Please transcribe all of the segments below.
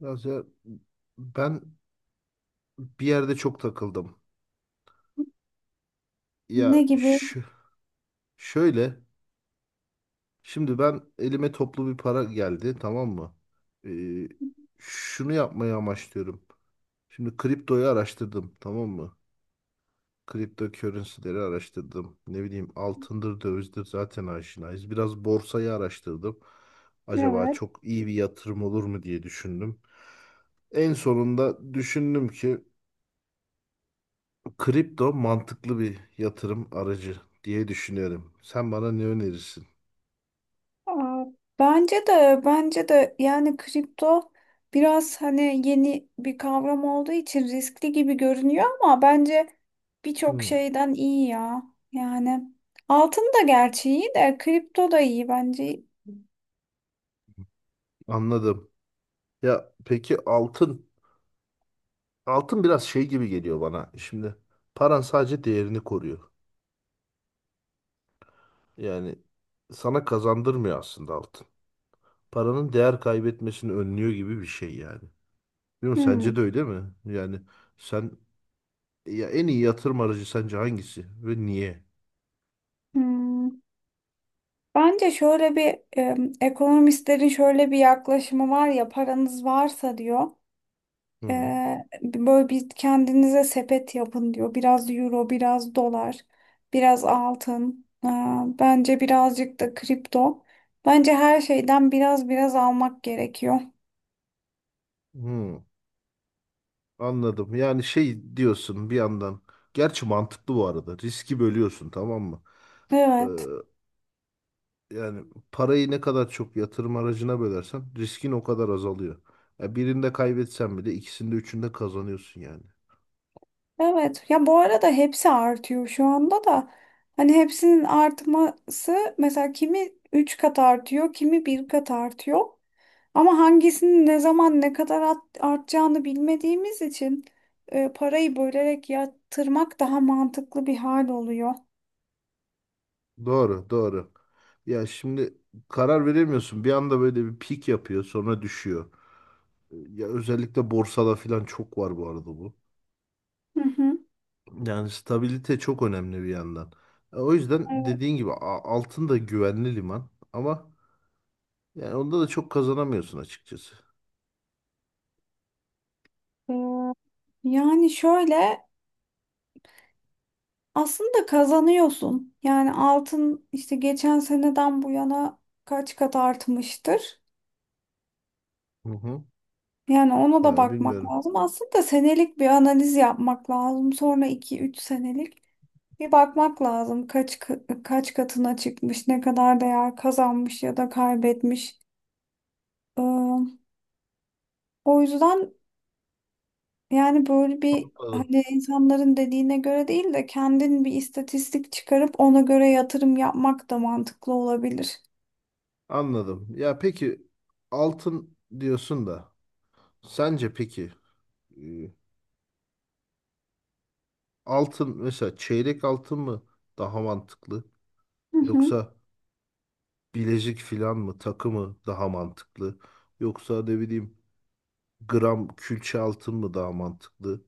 Mesela ben bir yerde çok takıldım. Ne Ya gibi? şu, şöyle. Şimdi ben elime toplu bir para geldi, tamam mı? Ee, şunu yapmayı amaçlıyorum. Şimdi kriptoyu araştırdım, tamam mı? Kripto currency'leri araştırdım. Ne bileyim altındır dövizdir zaten aşinayız. Biraz borsayı araştırdım. Acaba Evet. çok iyi bir yatırım olur mu diye düşündüm. En sonunda düşündüm ki kripto mantıklı bir yatırım aracı diye düşünüyorum. Sen bana ne önerirsin? Aa, bence de yani kripto biraz hani yeni bir kavram olduğu için riskli gibi görünüyor ama bence birçok Hmm, şeyden iyi ya. Yani altın da gerçi iyi de kripto da iyi bence. anladım. Ya peki altın? Altın biraz şey gibi geliyor bana. Şimdi paran sadece değerini koruyor. Yani sana kazandırmıyor aslında altın. Paranın değer kaybetmesini önlüyor gibi bir şey yani. Bilmiyorum, sence de Hmm, öyle mi? Yani sen, ya en iyi yatırım aracı sence hangisi ve niye? hmm. Bence şöyle bir ekonomistlerin şöyle bir yaklaşımı var ya paranız varsa diyor. Hı. Böyle bir kendinize sepet yapın diyor. Biraz euro, biraz dolar, biraz altın. Bence birazcık da kripto. Bence her şeyden biraz biraz almak gerekiyor. Hı. Anladım. Yani şey diyorsun bir yandan. Gerçi mantıklı bu arada. Riski bölüyorsun, tamam mı? Ee, Evet. yani parayı ne kadar çok yatırım aracına bölersen riskin o kadar azalıyor. Ya birinde kaybetsen bile ikisinde üçünde kazanıyorsun yani. Evet. Ya bu arada hepsi artıyor şu anda da. Hani hepsinin artması mesela kimi 3 kat artıyor, kimi bir kat artıyor. Ama hangisinin ne zaman ne kadar artacağını bilmediğimiz için parayı bölerek yatırmak daha mantıklı bir hal oluyor. Doğru, doğru. Ya şimdi karar veremiyorsun. Bir anda böyle bir pik yapıyor, sonra düşüyor. Ya özellikle borsada falan çok var bu arada bu. Hı hı. Yani stabilite çok önemli bir yandan. O yüzden Evet. dediğin gibi altın da güvenli liman ama yani onda da çok kazanamıyorsun açıkçası. Ee, Yani şöyle aslında kazanıyorsun. Yani altın işte geçen seneden bu yana kaç kat artmıştır. Hı hı. Yani ona da Yani bakmak bilmiyorum. lazım. Aslında senelik bir analiz yapmak lazım. Sonra 2-3 senelik. Bir bakmak lazım kaç kaç katına çıkmış, ne kadar değer kazanmış ya da kaybetmiş. Ee, O yüzden yani böyle bir Anladım. hani insanların dediğine göre değil de kendin bir istatistik çıkarıp ona göre yatırım yapmak da mantıklı olabilir. Anladım. Ya peki altın diyorsun da sence peki e, altın mesela çeyrek altın mı daha mantıklı Hı hı. yoksa bilezik filan mı, takı mı daha mantıklı yoksa ne bileyim gram külçe altın mı daha mantıklı?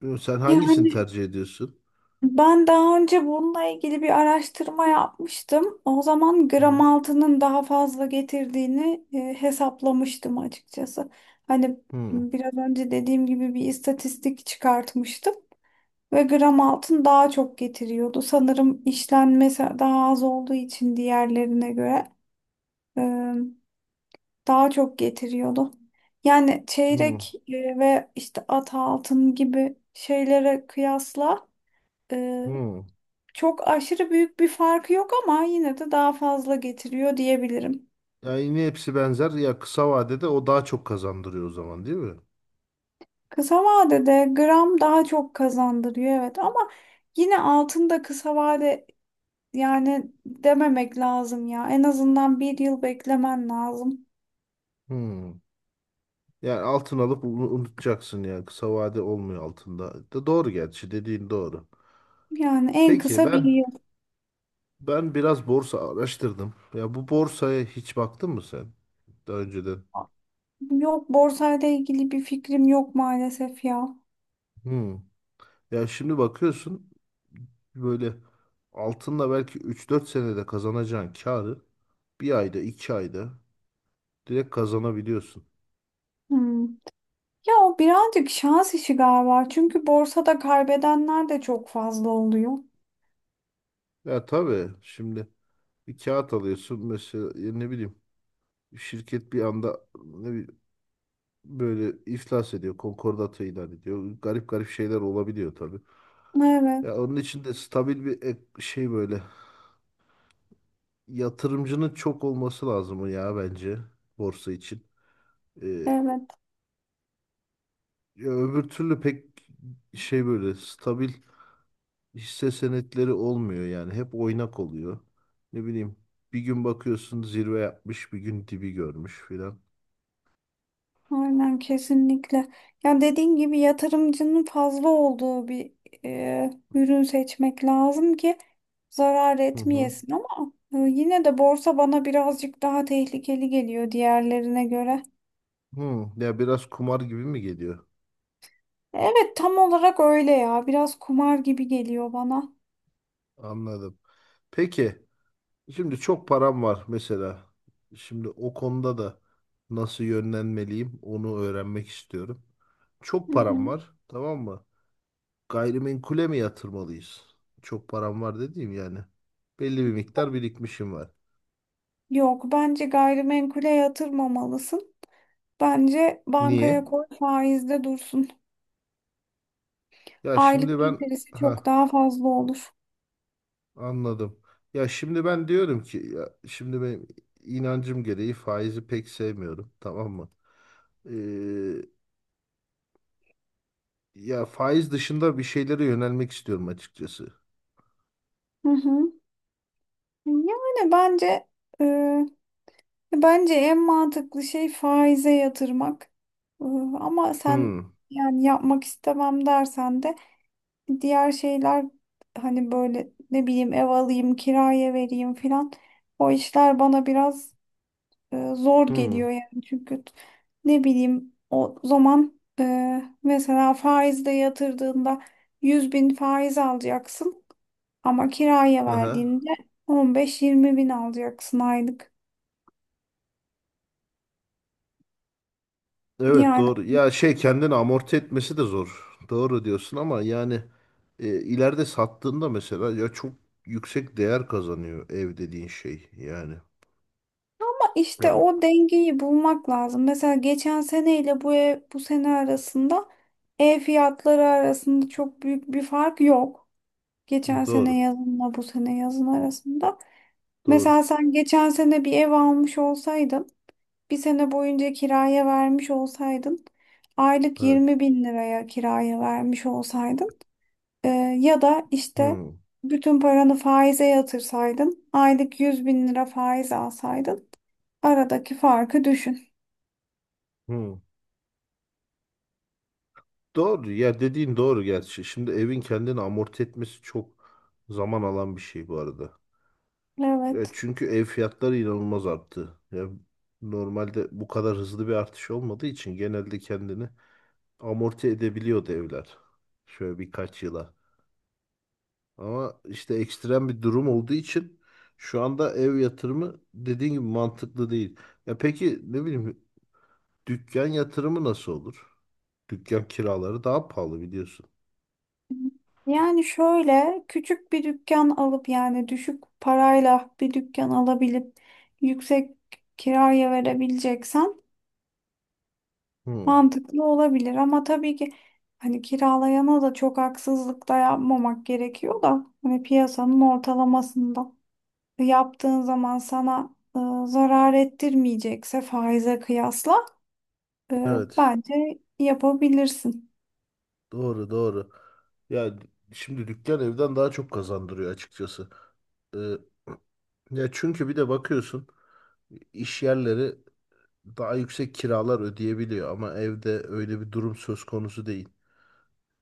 Bilmiyorum, sen hangisini Yani tercih ediyorsun? ben daha önce bununla ilgili bir araştırma yapmıştım. O zaman gram Hı altının daha fazla getirdiğini hesaplamıştım açıkçası. Hani hı, biraz önce dediğim gibi bir istatistik çıkartmıştım ve gram altın daha çok getiriyordu. Sanırım işlenmesi daha az olduğu için diğerlerine göre e, daha çok getiriyordu. Yani hı çeyrek ve işte at altın gibi şeylere kıyasla hı. çok aşırı büyük bir farkı yok ama yine de daha fazla getiriyor diyebilirim. Yani yine hepsi benzer. Ya kısa vadede o daha çok kazandırıyor o zaman, değil mi? Kısa vadede gram daha çok kazandırıyor evet ama yine altında kısa vade yani dememek lazım ya. En azından bir yıl beklemen lazım. Hmm. Yani altın alıp unutacaksın yani kısa vade olmuyor altında, da doğru gerçi, dediğin doğru. Yani en Peki kısa bir ben yıl. ben biraz borsa araştırdım. Ya bu borsaya hiç baktın mı sen daha önceden? Yok borsayla ilgili bir fikrim yok maalesef ya. Hmm. Ya şimdi bakıyorsun böyle altınla belki 3-4 senede kazanacağın karı bir ayda 2 ayda direkt kazanabiliyorsun. Hmm. Ya o birazcık şans işi galiba. Çünkü borsada kaybedenler de çok fazla oluyor. Ya tabii şimdi bir kağıt alıyorsun mesela, ya ne bileyim şirket bir anda, ne bileyim, böyle iflas ediyor, konkordato ilan ediyor. Garip garip şeyler olabiliyor tabii. Evet, Ya onun için de stabil bir şey, böyle yatırımcının çok olması lazım ya bence borsa için. evet. Ya öbür türlü pek şey, böyle stabil hisse senetleri olmuyor yani. Hep oynak oluyor. Ne bileyim bir gün bakıyorsun zirve yapmış, bir gün dibi görmüş filan. Aynen kesinlikle. Ya dediğin gibi yatırımcının fazla olduğu bir ürün seçmek lazım ki zarar Hı hı. etmeyesin ama yine de borsa bana birazcık daha tehlikeli geliyor diğerlerine göre. Hı. Ya biraz kumar gibi mi geliyor? Evet tam olarak öyle ya. Biraz kumar gibi geliyor bana. Anladım. Peki şimdi çok param var mesela. Şimdi o konuda da nasıl yönlenmeliyim onu öğrenmek istiyorum. Çok Hı param hı. var, tamam mı? Gayrimenkule mi yatırmalıyız? Çok param var dediğim yani. Belli bir miktar birikmişim var. Yok bence gayrimenkule yatırmamalısın. Bence bankaya Niye? koy faizde dursun. Ya şimdi Aylık ben, getirisi çok ha, daha fazla olur. anladım. Ya şimdi ben diyorum ki ya şimdi benim inancım gereği faizi pek sevmiyorum, tamam mı? Ee, ya faiz dışında bir şeylere yönelmek istiyorum açıkçası. Hı hı. Yani e, Bence en mantıklı şey faize yatırmak. Ee, Ama sen Hmm. yani yapmak istemem dersen de diğer şeyler hani böyle ne bileyim ev alayım, kiraya vereyim filan. O işler bana biraz zor Hmm. geliyor yani çünkü ne bileyim o zaman mesela faizde yatırdığında 100 bin faiz alacaksın ama kiraya Aha. verdiğinde 15-20 bin alacaksın aylık. Evet, Yani doğru. Ya şey, kendini amorti etmesi de zor. Doğru diyorsun ama yani ileride sattığında mesela ya çok yüksek değer kazanıyor ev dediğin şey yani. Ya, İşte o dengeyi bulmak lazım. Mesela geçen seneyle bu bu sene arasında ev fiyatları arasında çok büyük bir fark yok. Geçen sene doğru. yazınla bu sene yazın arasında. Mesela Doğru. sen geçen sene bir ev almış olsaydın, bir sene boyunca kiraya vermiş olsaydın, aylık Evet. 20 bin liraya kiraya vermiş olsaydın e, ya da işte Hmm, bütün paranı faize yatırsaydın, aylık 100 bin lira faiz alsaydın, aradaki farkı düşün. hmm. Doğru. Ya dediğin doğru gerçi. Şimdi evin kendini amorti etmesi çok zaman alan bir şey bu arada. Ya Evet. çünkü ev fiyatları inanılmaz arttı. Ya normalde bu kadar hızlı bir artış olmadığı için genelde kendini amorti edebiliyordu evler. Şöyle birkaç yıla. Ama işte ekstrem bir durum olduğu için şu anda ev yatırımı dediğin gibi mantıklı değil. Ya peki ne bileyim dükkan yatırımı nasıl olur? Dükkan kiraları daha pahalı biliyorsun. Yani şöyle küçük bir dükkan alıp yani düşük parayla bir dükkan alabilip yüksek kiraya verebileceksen Hmm, mantıklı olabilir. Ama tabii ki hani kiralayana da çok haksızlık da yapmamak gerekiyor da hani piyasanın ortalamasında yaptığın zaman sana zarar ettirmeyecekse faize kıyasla evet. bence yapabilirsin. Doğru, doğru. Ya şimdi dükkan evden daha çok kazandırıyor açıkçası. Ee, ya çünkü bir de bakıyorsun iş yerleri daha yüksek kiralar ödeyebiliyor ama evde öyle bir durum söz konusu değil.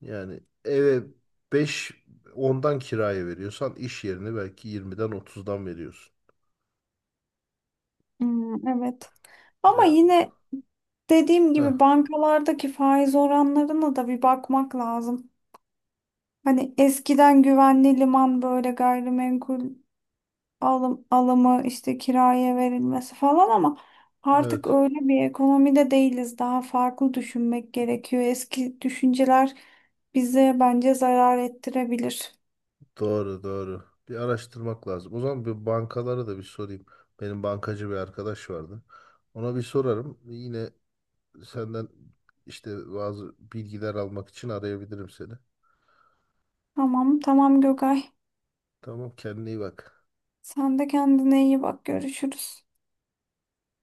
Yani eve 5 10'dan kiraya veriyorsan iş yerine belki 20'den 30'dan veriyorsun. Hmm, evet. Ama Ya, yine dediğim heh, gibi bankalardaki faiz oranlarına da bir bakmak lazım. Hani eskiden güvenli liman böyle gayrimenkul alımı işte kiraya verilmesi falan ama evet, artık öyle bir ekonomide değiliz. Daha farklı düşünmek gerekiyor. Eski düşünceler bize bence zarar ettirebilir. doğru doğru. Bir araştırmak lazım. O zaman bir bankalara da bir sorayım. Benim bankacı bir arkadaş vardı. Ona bir sorarım. Yine senden işte bazı bilgiler almak için arayabilirim seni. Tamam, tamam Gökay. Tamam, kendine iyi bak. Sen de kendine iyi bak. Görüşürüz.